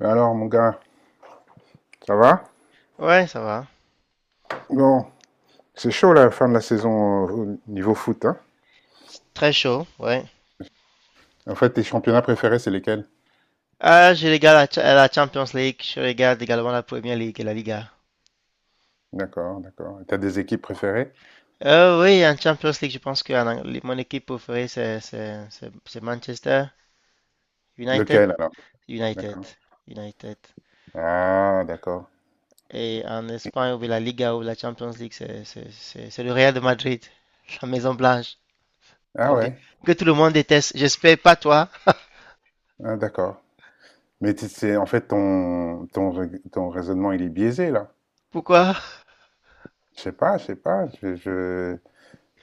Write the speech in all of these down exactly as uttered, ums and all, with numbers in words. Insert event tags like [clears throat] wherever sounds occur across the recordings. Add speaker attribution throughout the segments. Speaker 1: Alors, mon gars, ça va?
Speaker 2: Ouais, ça va.
Speaker 1: Bon, c'est chaud la fin de la saison, euh, au niveau foot, hein?
Speaker 2: C'est très chaud, ouais.
Speaker 1: En fait, tes championnats préférés, c'est lesquels?
Speaker 2: Ah, je regarde la, Cha- la Champions League, je regarde également la Premier League et la Liga.
Speaker 1: D'accord, d'accord. Et t'as des équipes préférées?
Speaker 2: Euh, oui, en Champions League, je pense que en Ang- mon équipe préférée, c'est c'est- c'est- c'est Manchester United.
Speaker 1: Lequel alors?
Speaker 2: United.
Speaker 1: D'accord.
Speaker 2: United.
Speaker 1: Ah, d'accord.
Speaker 2: Et en Espagne, ou la Liga ou la Champions League, c'est c'est- c'est- c'est le Real de Madrid, [laughs] la Maison Blanche,
Speaker 1: Ah
Speaker 2: qu'on dé-
Speaker 1: ouais,
Speaker 2: que tout le monde déteste. J'espère pas toi.
Speaker 1: ah, d'accord. Mais t'es- c'est en fait ton, ton, rai- ton raisonnement, il est biaisé là.
Speaker 2: Pourquoi?
Speaker 1: Je sais pas, je sais pas. Je, je-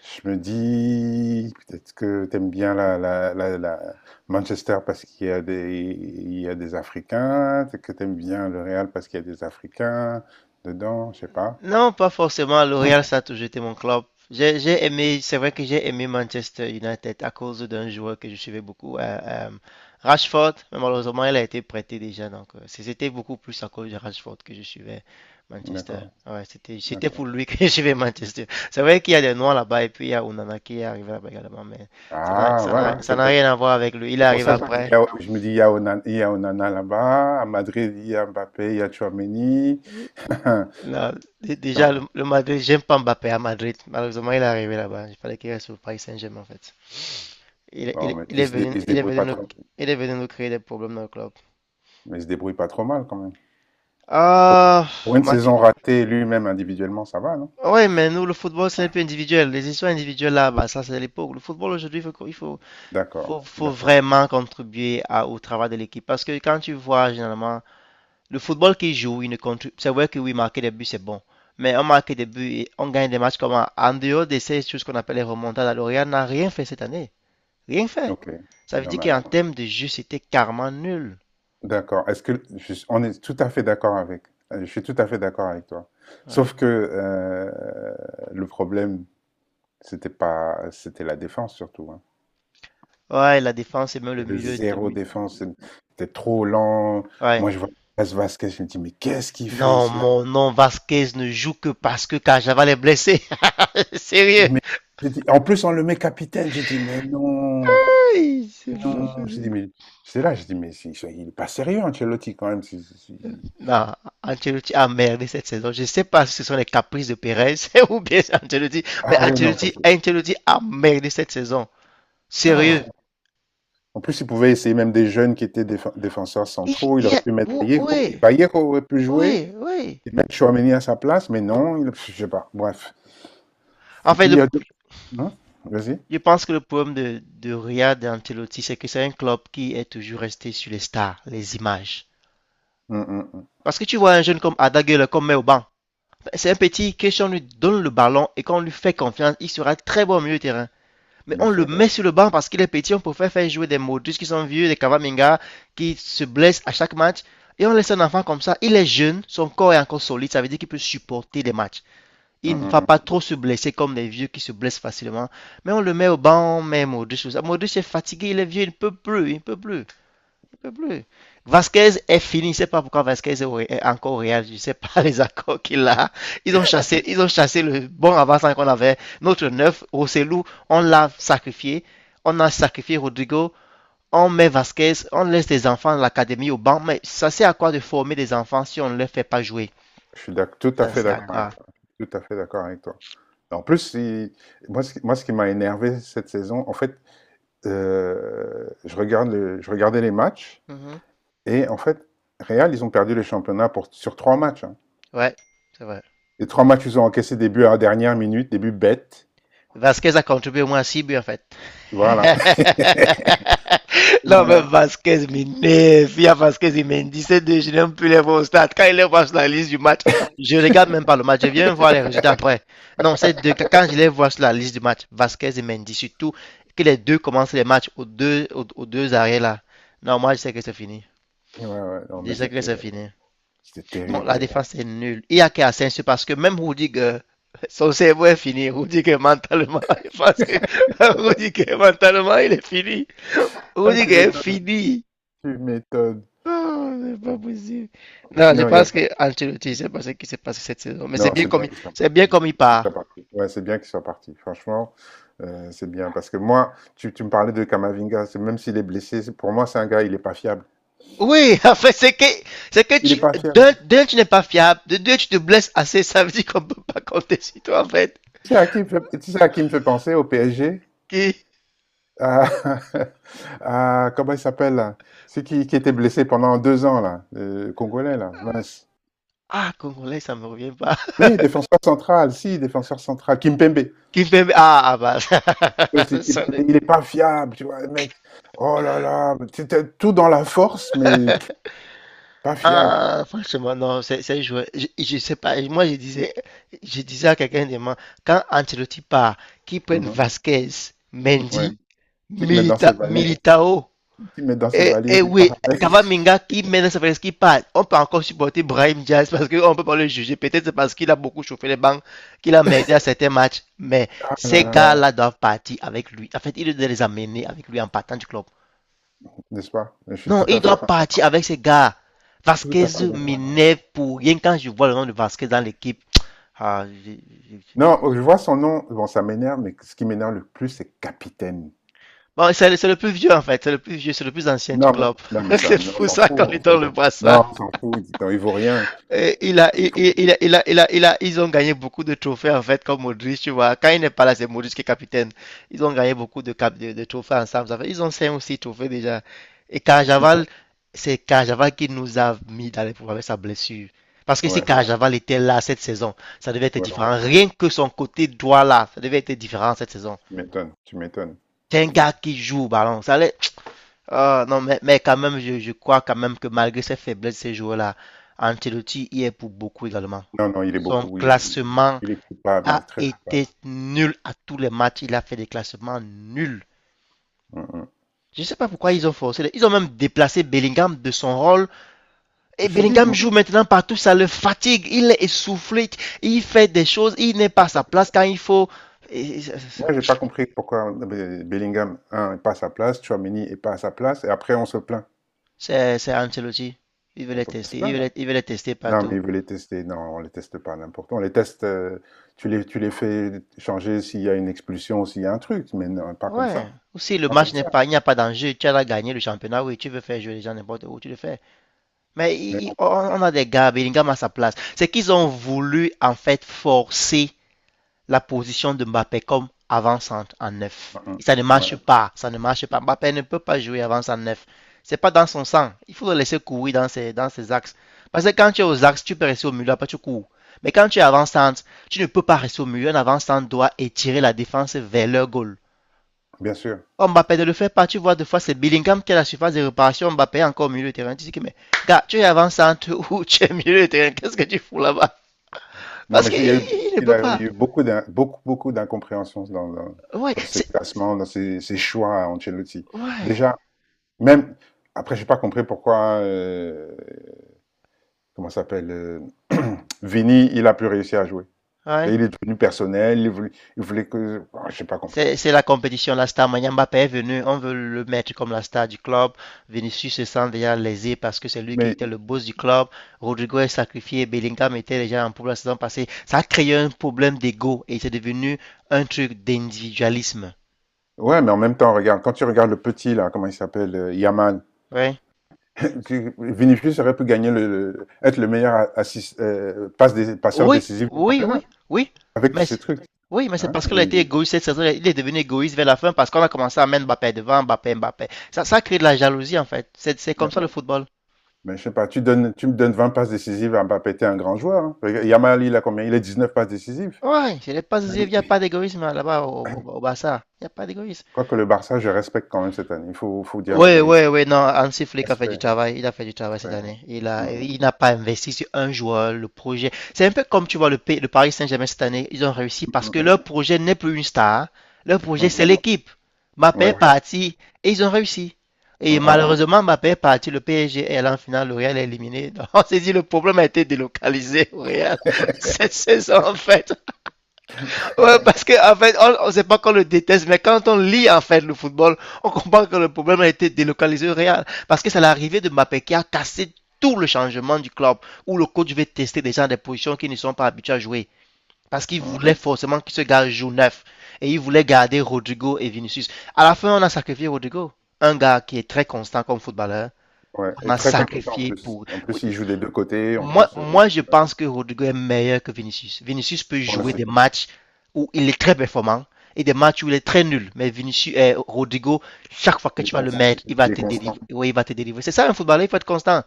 Speaker 1: Je me dis, peut-être que t'aimes bien la, la, la, la- Manchester parce qu'il y a des, il y a des Africains, que t'aimes bien le Real parce qu'il y a des Africains dedans, je sais pas.
Speaker 2: Non, pas forcément. L'Oréal, ça a toujours été mon club. J'ai j'ai aimé, c'est vrai que j'ai aimé Manchester United à cause d'un joueur que je suivais beaucoup, euh, euh, Rashford. Mais malheureusement, il a été prêté déjà. Donc, euh, c'est- c'était beaucoup plus à cause de Rashford que je suivais Manchester.
Speaker 1: D'accord,
Speaker 2: Ouais, c'était, c'était pour
Speaker 1: d'accord.
Speaker 2: lui [laughs] que je suivais Manchester. C'est vrai qu'il y a des noirs là-bas et puis il y a Onana qui est arrivé là-bas également, mais ça n'a,
Speaker 1: Ah,
Speaker 2: ça
Speaker 1: voilà,
Speaker 2: n'a, ça
Speaker 1: c'est
Speaker 2: n'a rien à voir avec lui. Il est
Speaker 1: pour
Speaker 2: arrivé
Speaker 1: ça que je me dis, il y
Speaker 2: après.
Speaker 1: a, je me dis, il y a Onana, il y a Onana là-bas, à Madrid, il y a Mbappé, il y a Tchouaméni. [laughs]
Speaker 2: Non, dé- déjà, le,
Speaker 1: Non,
Speaker 2: le Madrid, j'aime pas Mbappé à Madrid. Malheureusement, il est arrivé là-bas. Il fallait qu'il reste au Paris Saint-Germain en fait. Il
Speaker 1: bon
Speaker 2: ele,
Speaker 1: mais
Speaker 2: il
Speaker 1: il
Speaker 2: est
Speaker 1: se, dé-
Speaker 2: venu,
Speaker 1: il se
Speaker 2: il est
Speaker 1: débrouille
Speaker 2: venu
Speaker 1: pas
Speaker 2: nous,
Speaker 1: trop,
Speaker 2: il est venu nous créer des problèmes dans le club.
Speaker 1: mais il se débrouille pas trop mal quand même.
Speaker 2: Ah,
Speaker 1: Pour une
Speaker 2: Mac-
Speaker 1: saison ratée lui-même individuellement, ça va, non?
Speaker 2: ouais, mais nous, le football, c'est un peu individuel. Les histoires individuelles, là, bah, ça, c'est l'époque. Le football, aujourd'hui, il faut, qu'on- il faut,
Speaker 1: D'accord,
Speaker 2: faut, faut
Speaker 1: d'accord.
Speaker 2: vraiment contribuer à- au travail de l'équipe. Parce que quand tu vois, généralement, le football qui joue, il ne contribue. C'est vrai que oui, marquer des buts, c'est bon. Mais on marque des buts et on gagne des matchs comme en en dehors de ces choses qu'on appelle les remontades. L'Orient n'a rien fait cette année. Rien fait.
Speaker 1: OK.
Speaker 2: Ça veut
Speaker 1: Non,
Speaker 2: dire
Speaker 1: mais
Speaker 2: qu'en
Speaker 1: attends.
Speaker 2: termes de jeu, c'était carrément nul.
Speaker 1: D'accord. Est-ce que je suis- On est tout à fait d'accord avec. euh, Je suis tout à fait d'accord avec toi.
Speaker 2: Ouais.
Speaker 1: Sauf que euh, le problème, c'était pas, c'était la défense surtout, hein.
Speaker 2: Ouais, la défense et même
Speaker 1: Il
Speaker 2: le
Speaker 1: y avait
Speaker 2: milieu. de
Speaker 1: zéro
Speaker 2: mi-
Speaker 1: défense. C'était trop lent.
Speaker 2: Ouais.
Speaker 1: Moi, je vois Lucas Vasquez, je me dis, mais qu'est-ce qu'il fait
Speaker 2: Non,
Speaker 1: cela?
Speaker 2: mon nom, Vasquez ne joue que parce que Cajava est blessé. [laughs]
Speaker 1: Je
Speaker 2: Sérieux.
Speaker 1: dis, mais- je dis- En plus, on le met capitaine. Je dis mais non,
Speaker 2: Aïe, c'est pas
Speaker 1: non. Je dis
Speaker 2: possible.
Speaker 1: mais c'est là, je dis mais c'est- il est pas sérieux, Ancelotti, quand même. C'est- c'est- c'est-
Speaker 2: Non, Ancelotti a merdé cette saison. Je ne sais pas si ce sont les caprices de Perez [laughs] ou bien c'est Ancelotti, mais
Speaker 1: Ah ouais, non,
Speaker 2: Ancelotti,
Speaker 1: parce que.
Speaker 2: Ancelotti a merdé cette saison.
Speaker 1: Non,
Speaker 2: Sérieux.
Speaker 1: en plus, il pouvait essayer même des jeunes qui étaient défe- défenseurs
Speaker 2: Il,
Speaker 1: centraux. Il
Speaker 2: il
Speaker 1: aurait
Speaker 2: a-
Speaker 1: pu mettre
Speaker 2: ou-
Speaker 1: Vallejo.
Speaker 2: ouais,
Speaker 1: Vallejo aurait pu jouer
Speaker 2: ouais, ouais.
Speaker 1: et mettre Chouameni à sa place, mais non, il, je sais pas. Bref.
Speaker 2: En
Speaker 1: Et
Speaker 2: fait,
Speaker 1: puis, il
Speaker 2: le-
Speaker 1: y a deux. Hein? Vas-y.
Speaker 2: je pense que le problème de, de Riyad et Ancelotti, c'est que c'est un club qui est toujours resté sur les stars, les images.
Speaker 1: Hum, hum, hum.
Speaker 2: Parce que tu vois un jeune comme Adaguele, comme Meoban, c'est un petit que si on lui donne le ballon et qu'on lui fait confiance, il sera très bon au milieu du terrain. Mais
Speaker 1: Bien
Speaker 2: on le
Speaker 1: sûr.
Speaker 2: met sur le banc parce qu'il est petit, on préfère faire jouer des Modric qui sont vieux, des Kavaminga qui se blessent à chaque match. Et on laisse un enfant comme ça, il est jeune, son corps est encore solide, ça veut dire qu'il peut supporter des matchs. Il
Speaker 1: Hum,
Speaker 2: ne va
Speaker 1: hum,
Speaker 2: pas
Speaker 1: hum.
Speaker 2: trop se blesser comme les vieux qui se blessent facilement. Mais on le met au banc, on met Modric. Modric est fatigué, il est vieux, il ne peut plus, il ne peut plus peut plus. Vasquez est fini. Je ne sais pas pourquoi Vasquez est encore au Real. Je ne sais pas [laughs] les accords qu'il a. Ils ont chassé, ils ont chassé le bon avant-centre qu'on avait. Notre neuf, Rossellou, on l'a sacrifié. On a sacrifié Rodrigo. On met Vasquez. On laisse les enfants de l'académie au banc. Mais ça sert à quoi de former des enfants si on ne les fait pas jouer?
Speaker 1: Je suis d'ac- tout à
Speaker 2: Ça
Speaker 1: fait
Speaker 2: sert à
Speaker 1: d'accord avec
Speaker 2: quoi?
Speaker 1: toi. Tout à fait d'accord avec toi. En plus, il- moi, ce qui, moi, ce qui m'a énervé cette saison, en fait, euh, je regarde le- je regardais les matchs
Speaker 2: Mhm.
Speaker 1: et en fait, Real, ils ont perdu le championnat pour, sur trois matchs, hein.
Speaker 2: Ouais, c'est vrai.
Speaker 1: Les trois matchs, ils ont encaissé des buts à la dernière minute, des buts bêtes.
Speaker 2: Vasquez a contribué au moins six buts en fait.
Speaker 1: Voilà. [laughs]
Speaker 2: [laughs] Non, mais
Speaker 1: Voilà.
Speaker 2: Vasquez m'énerve. Il y a Vasquez, il me dit c'est deux, je n'aime plus les voir au stade. Quand il les voit sur la liste du match, je ne regarde même pas le match, je viens voir les résultats après. Non, c'est deux, quand je les vois sur la liste du match, Vasquez et Mendy, surtout que les deux commencent les matchs aux deux, aux, aux deux arrêts là. Non, moi je sais que c'est fini.
Speaker 1: Ouais, ouais, non,
Speaker 2: Je
Speaker 1: mais
Speaker 2: sais que c'est
Speaker 1: c'était
Speaker 2: fini.
Speaker 1: c'était
Speaker 2: Non,
Speaker 1: terrible,
Speaker 2: la
Speaker 1: terrible.
Speaker 2: défense est nulle. Il y a qu'à Asensio parce que même Rudiger, [laughs] son cerveau est fini. Rudiger mentalement, [laughs] parce que Rudiger mentalement, il est fini.
Speaker 1: Ah, tu
Speaker 2: Rudiger est
Speaker 1: m'étonnes,
Speaker 2: fini.
Speaker 1: tu m'étonnes.
Speaker 2: Oh, c'est pas possible. Non, je
Speaker 1: Non, il y a-
Speaker 2: pense que Ancelotti, c'est pas ce qui s'est passé cette saison. Mais c'est
Speaker 1: non,
Speaker 2: bien
Speaker 1: c'est
Speaker 2: comme,
Speaker 1: bien
Speaker 2: il-
Speaker 1: qu'il soit
Speaker 2: c'est bien comme il
Speaker 1: qu'il
Speaker 2: part.
Speaker 1: soit parti. Ouais, c'est bien qu'il soit parti. Franchement, euh, c'est bien. Parce que moi, tu, tu me parlais de Kamavinga, c'est- même s'il est blessé, c'est- pour moi, c'est un gars, il n'est pas fiable.
Speaker 2: Oui, [laughs] en fait, c'est que, c'est que
Speaker 1: Il n'est
Speaker 2: tu,
Speaker 1: pas fiable.
Speaker 2: d'un, d'un, tu n'es pas fiable, de deux, tu te blesses assez, ça veut dire qu'on peut pas compter sur toi, en fait.
Speaker 1: Tu sais à qui, il me fait- tu sais à qui me fait penser au P S G?
Speaker 2: Qui,
Speaker 1: À, [laughs] à- comment il s'appelle là? Celui qui, qui était blessé pendant deux ans, là, le Congolais, là, mince.
Speaker 2: ah, Congolais, ça me revient pas.
Speaker 1: Mais défenseur central, si, défenseur central, Kimpembe.
Speaker 2: [laughs] Qui fait, ah, ah, bah, [laughs] ça,
Speaker 1: Ouais, c'est
Speaker 2: ça, ça,
Speaker 1: Il est pas fiable, tu vois, le mec. Oh là là, c'était tout dans la force, mais pas fiable.
Speaker 2: Ah, franchement, non, c'est c'est joué. Je, je sais pas. Moi, je disais, je disais à quelqu'un demain, quand Ancelotti part, qu'ils prennent
Speaker 1: Mhm,
Speaker 2: Vasquez,
Speaker 1: ouais.
Speaker 2: Mendy,
Speaker 1: Qui te met dans ses
Speaker 2: Milita,
Speaker 1: valises,
Speaker 2: Militao,
Speaker 1: qui te met dans ses
Speaker 2: et,
Speaker 1: valises,
Speaker 2: et
Speaker 1: il
Speaker 2: oui,
Speaker 1: part avec.
Speaker 2: Cavaminga qui mène sa qui part. On peut encore supporter Brahim Diaz parce qu'on peut pas le juger. Peut-être c'est parce qu'il a beaucoup chauffé les bancs, qu'il a merdé à certains matchs. Mais
Speaker 1: Ah là
Speaker 2: ces
Speaker 1: là,
Speaker 2: gars-là doivent partir avec lui. En fait, il doit les amener avec lui en partant du club.
Speaker 1: n'est-ce pas? Je suis
Speaker 2: Non,
Speaker 1: tout
Speaker 2: il
Speaker 1: à fait,
Speaker 2: doit partir avec ces gars.
Speaker 1: tout
Speaker 2: Vasquez
Speaker 1: à fait d'accord avec toi.
Speaker 2: m'énerve pour rien quand je vois le nom de Vasquez dans l'équipe. Ah.
Speaker 1: Non, euh, je vois son nom, bon, ça m'énerve, mais ce qui m'énerve le plus, c'est capitaine.
Speaker 2: Bon, c'est le, le, plus vieux en fait, c'est le plus vieux, c'est le plus ancien du
Speaker 1: Non, mais,
Speaker 2: club.
Speaker 1: non, mais
Speaker 2: [laughs]
Speaker 1: ça,
Speaker 2: C'est
Speaker 1: non, on
Speaker 2: fou
Speaker 1: s'en fout,
Speaker 2: ça qu'on
Speaker 1: on
Speaker 2: lui
Speaker 1: s'en
Speaker 2: donne
Speaker 1: fout.
Speaker 2: le
Speaker 1: Non, on
Speaker 2: brassard.
Speaker 1: s'en fout, dis donc, il vaut rien.
Speaker 2: Et il a, il, il- il a, il a, il a, ils ont gagné beaucoup de trophées en fait, comme Modric, tu vois. Quand il n'est pas là, c'est Modric qui est capitaine. Ils ont gagné beaucoup de, cap- de, de trophées ensemble. Ça fait- ils ont cinq ou six trophées déjà. Et
Speaker 1: Non,
Speaker 2: Carjaval, c'est Carjaval qui nous a mis dans les problèmes avec sa blessure. Parce que si
Speaker 1: ouais,
Speaker 2: Voilà, Carjaval était là cette saison, ça devait être différent.
Speaker 1: ouais,
Speaker 2: Voilà. Rien que son côté droit là, ça devait être différent cette saison.
Speaker 1: tu m'étonnes, tu m'étonnes,
Speaker 2: C'est un
Speaker 1: tu
Speaker 2: gars
Speaker 1: m'étonnes.
Speaker 2: qui joue au ballon. Ça allait. Ah, non, mais, mais quand même, je, je crois quand même que malgré ses faiblesses, ces joueurs-là, Ancelotti y est pour beaucoup également.
Speaker 1: Non, non, il est
Speaker 2: Son
Speaker 1: beaucoup, il est,
Speaker 2: classement
Speaker 1: il est coupable, il
Speaker 2: a
Speaker 1: est très coupable.
Speaker 2: été nul à tous les matchs. Il a fait des classements nuls. Je ne sais pas pourquoi
Speaker 1: Mhm.
Speaker 2: ils ont forcé. Ils ont même déplacé Bellingham de son rôle. Et
Speaker 1: Je te dis,
Speaker 2: Bellingham
Speaker 1: moi,
Speaker 2: joue maintenant partout. Ça le fatigue. Il est essoufflé. Il fait des choses. Il n'est pas à sa place quand il faut.
Speaker 1: moi, j'ai pas compris pourquoi Be- Bellingham, un, n'est pas à sa place, Tchouaméni est pas à sa place, et après, on se plaint.
Speaker 2: C'est c'est Ancelotti. Il veut
Speaker 1: On
Speaker 2: les
Speaker 1: peut pas se
Speaker 2: tester. Il veut
Speaker 1: plaindre.
Speaker 2: les, il veut les tester
Speaker 1: Non, mais
Speaker 2: partout.
Speaker 1: il veut les tester. Non, on les teste pas n'importe quoi. On les teste, euh, tu les, tu les fais changer s'il y a une expulsion, s'il y a un truc, mais non, pas comme
Speaker 2: Ouais.
Speaker 1: ça.
Speaker 2: Ou si le
Speaker 1: Pas comme
Speaker 2: match n'est
Speaker 1: ça.
Speaker 2: pas, il n'y a pas d'enjeu, tu as gagné le championnat, oui, tu veux faire jouer les gens n'importe où, tu le fais. Mais
Speaker 1: Mais
Speaker 2: i- i-
Speaker 1: non.
Speaker 2: on a des gars, Bellingham à sa place. C'est qu'ils ont voulu en fait forcer la position de Mbappé comme avant-centre en
Speaker 1: Mm,
Speaker 2: neuf.
Speaker 1: mm.
Speaker 2: Et ça ne
Speaker 1: Ouais,
Speaker 2: marche pas, ça ne marche pas. Mbappé ne peut pas jouer avant en neuf. C'est pas dans son sang. Il faut le laisser courir dans ses, dans ses axes. Parce que quand tu es aux axes, tu peux rester au milieu, après tu cours. Mais quand tu es avant-centre, tu ne peux pas rester au milieu. Un avant-centre doit étirer la défense vers leur goal.
Speaker 1: bien sûr.
Speaker 2: Mbappé ne le fait pas, tu vois, des fois c'est Bellingham qui a la surface de réparation, Mbappé est encore au milieu de terrain. Tu dis que, mais gars, tu es avant-centre [laughs] ou tu es au milieu de terrain, qu'est-ce que tu fous là-bas?
Speaker 1: Non,
Speaker 2: Parce
Speaker 1: mais
Speaker 2: qu'il
Speaker 1: il y a eu,
Speaker 2: il ne
Speaker 1: il
Speaker 2: peut
Speaker 1: a
Speaker 2: pas.
Speaker 1: eu beaucoup d'in- beaucoup, beaucoup d'incompréhensions dans, dans,
Speaker 2: Ouais,
Speaker 1: dans ses
Speaker 2: c'est.
Speaker 1: classements, dans ses, ses choix à Ancelotti.
Speaker 2: Ouais,
Speaker 1: Déjà, même après, j'ai pas compris pourquoi, euh, comment ça s'appelle, euh, [clears throat] Vini, il a plus réussi à jouer. Et
Speaker 2: ouais.
Speaker 1: il est devenu personnel, il voulait, il voulait que, je j'ai pas compris.
Speaker 2: C'est la compétition, la star. Mbappé est venu, on veut le mettre comme la star du club. Vinicius se sent déjà lésé parce que c'est lui qui
Speaker 1: Mais
Speaker 2: était le boss du club. Rodrigo est sacrifié, Bellingham était déjà en pour la saison passée. Ça a créé un problème d'ego et c'est devenu un truc d'individualisme.
Speaker 1: ouais, mais en même temps, regarde, quand tu regardes le petit là, comment il s'appelle, euh, Yamal,
Speaker 2: Ouais.
Speaker 1: [laughs] tu- Vinicius aurait pu gagner le, le- être le meilleur assis- euh, passe des, passeur
Speaker 2: Oui,
Speaker 1: décisif du
Speaker 2: oui,
Speaker 1: championnat
Speaker 2: oui, oui.
Speaker 1: avec tous
Speaker 2: Mais,
Speaker 1: ces
Speaker 2: c'est-
Speaker 1: trucs.
Speaker 2: oui, mais c'est
Speaker 1: Hein?
Speaker 2: parce qu'elle a été
Speaker 1: Mais
Speaker 2: égoïste cette saison. Il est devenu égoïste vers la fin parce qu'on a commencé à mettre Mbappé devant, Mbappé, Mbappé. Ça, ça crée de la jalousie en fait. C'est c'est comme ça
Speaker 1: Mais,
Speaker 2: le football.
Speaker 1: mais je sais pas, tu donnes, tu me donnes vingt passes décisives à Mbappé, t'es un grand joueur, hein. Regarde, Yamal, il a combien? Il a dix neuf passes décisives.
Speaker 2: Ouais, je l'ai pas, il
Speaker 1: Il-
Speaker 2: n'y a pas d'égoïsme là-bas au, au, au
Speaker 1: [clears throat]
Speaker 2: Barça. Il n'y a pas d'égoïsme.
Speaker 1: Quoique le Barça, je respecte quand même cette année. Il faut, faut dire la
Speaker 2: Ouais,
Speaker 1: vérité.
Speaker 2: ouais, ouais, non, Hansi Flick a fait du
Speaker 1: Respect,
Speaker 2: travail, il a fait du travail cette
Speaker 1: respect.
Speaker 2: année. Il a,
Speaker 1: Mm,
Speaker 2: il n'a pas investi sur un joueur, le projet. C'est un peu comme tu vois le, P- le Paris Saint-Germain cette année, ils ont réussi parce que
Speaker 1: mm,
Speaker 2: leur projet n'est plus une star. Leur
Speaker 1: mm,
Speaker 2: projet, c'est
Speaker 1: mm.
Speaker 2: l'équipe. Mbappé est, Oui,
Speaker 1: Ouais.
Speaker 2: parti et ils ont réussi.
Speaker 1: Mm,
Speaker 2: Et voilà.
Speaker 1: mm.
Speaker 2: Malheureusement, Mbappé est parti, le P S G est allé en finale, le Real est éliminé. [laughs] Donc, on s'est dit, le problème a été délocalisé au Real [laughs] cette
Speaker 1: [laughs]
Speaker 2: saison, en fait. Ouais, parce que en fait, on, on, sait pas qu'on le déteste, mais quand on lit en fait le football, on comprend que le problème a été délocalisé au Real, parce que c'est l'arrivée de Mbappé qui a cassé tout le changement du club, où le coach veut tester des gens des positions qui ne sont pas habitués à jouer, parce qu'il
Speaker 1: Mm,
Speaker 2: voulait forcément que ce gars joue neuf, et il voulait garder Rodrigo et Vinicius. À la fin, on a sacrifié Rodrigo, un gars qui est très constant comme footballeur.
Speaker 1: ouais.
Speaker 2: On
Speaker 1: Et
Speaker 2: a
Speaker 1: très compétent en
Speaker 2: sacrifié
Speaker 1: plus.
Speaker 2: pour.
Speaker 1: En
Speaker 2: Oui,
Speaker 1: plus, il joue des deux côtés. En
Speaker 2: moi,
Speaker 1: plus, euh,
Speaker 2: moi, je pense que Rodrigo est meilleur que Vinicius. Vinicius peut
Speaker 1: voilà,
Speaker 2: jouer des
Speaker 1: c'est-
Speaker 2: matchs où il est très performant et des matchs où il est très nul. Mais Vinicius, eh, Rodrigo, chaque fois que
Speaker 1: il est
Speaker 2: tu vas le
Speaker 1: constant.
Speaker 2: mettre, il va
Speaker 1: Il est
Speaker 2: te délivrer.
Speaker 1: constant.
Speaker 2: Oui, il va te délivrer. C'est ça un footballeur, il faut être constant.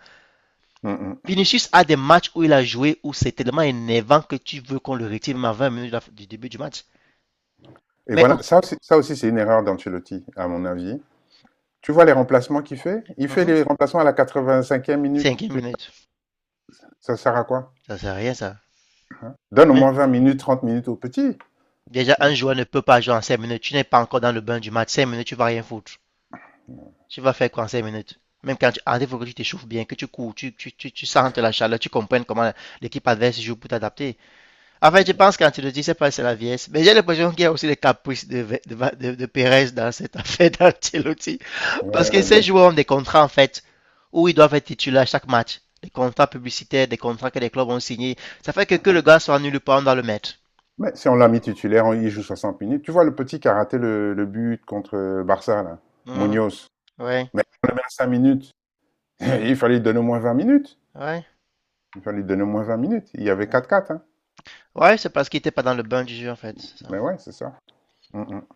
Speaker 1: Mm, mm.
Speaker 2: Vinicius a des matchs où il a joué où c'est tellement énervant que tu veux qu'on le retire même à vingt minutes de la- du début du match.
Speaker 1: Et
Speaker 2: Mais
Speaker 1: voilà, ça aussi, ça aussi c'est une erreur d'Ancelotti, à mon avis. Tu vois les remplacements qu'il fait? Il fait
Speaker 2: cinquième
Speaker 1: les remplacements à la quatre vingt cinquième minute. Tu-
Speaker 2: minute,
Speaker 1: Ça sert à quoi?
Speaker 2: ça sert à rien ça.
Speaker 1: Donne au
Speaker 2: Un-
Speaker 1: moins vingt minutes, trente minutes au petit.
Speaker 2: Déjà, un joueur ne peut pas jouer en cinq minutes. Tu n'es pas encore dans le bain du match. cinq minutes, tu vas rien foutre. Tu vas faire quoi en cinq minutes? Même quand tu arrives, il faut que tu t'échauffes bien, que tu cours, tu, tu, tu, tu sentes la chaleur, tu comprennes comment l'équipe adverse joue pour t'adapter. En fait, je pense que quand tu le dis, c'est pas, c'est la vieillesse. Mais j'ai l'impression qu'il y a aussi les caprices de, de, de, de Perez dans cette [laughs] affaire d'Ancelotti. Parce que
Speaker 1: Ouais.
Speaker 2: ces joueurs ont des contrats, en fait, où ils doivent être titulaires à chaque match. Des contrats publicitaires, des contrats que les clubs ont signés. Ça fait que que le gars soit nul ou pas, on doit le mettre.
Speaker 1: Mais si on l'a mis titulaire, on- il joue soixante minutes. Tu vois le petit qui a raté le, le but contre euh, Barça, là,
Speaker 2: Mhm.
Speaker 1: Munoz.
Speaker 2: Ouais,
Speaker 1: Mais on le met à cinq minutes. [laughs] Il fallait lui donner au moins vingt minutes.
Speaker 2: ouais.
Speaker 1: Il fallait lui donner au moins vingt minutes. Il y avait
Speaker 2: Ouais,
Speaker 1: quatre quatre, hein.
Speaker 2: Ouais, c'est parce qu'il était pas dans le bain du jeu, en fait. Ça.
Speaker 1: Mais ouais, c'est ça. Mm, mm.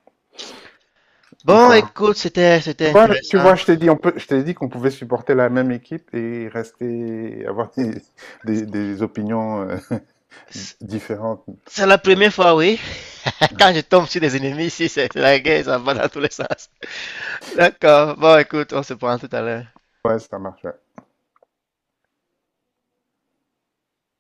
Speaker 2: Bon,
Speaker 1: Enfin.
Speaker 2: écoute, c'était c'était
Speaker 1: Tu vois, tu vois,
Speaker 2: intéressant.
Speaker 1: je t'ai dit, on peut, je t'ai dit qu'on pouvait supporter la même équipe et rester, avoir des, des- des opinions euh, [laughs] différentes.
Speaker 2: C'est la première fois, oui. [laughs] Quand je tombe sur des ennemis ici, c'est c'est la guerre, ça va dans tous les sens. [laughs] D'accord. Bon, écoute, on se prend tout à l'heure.
Speaker 1: Ouais, ça marche, ouais.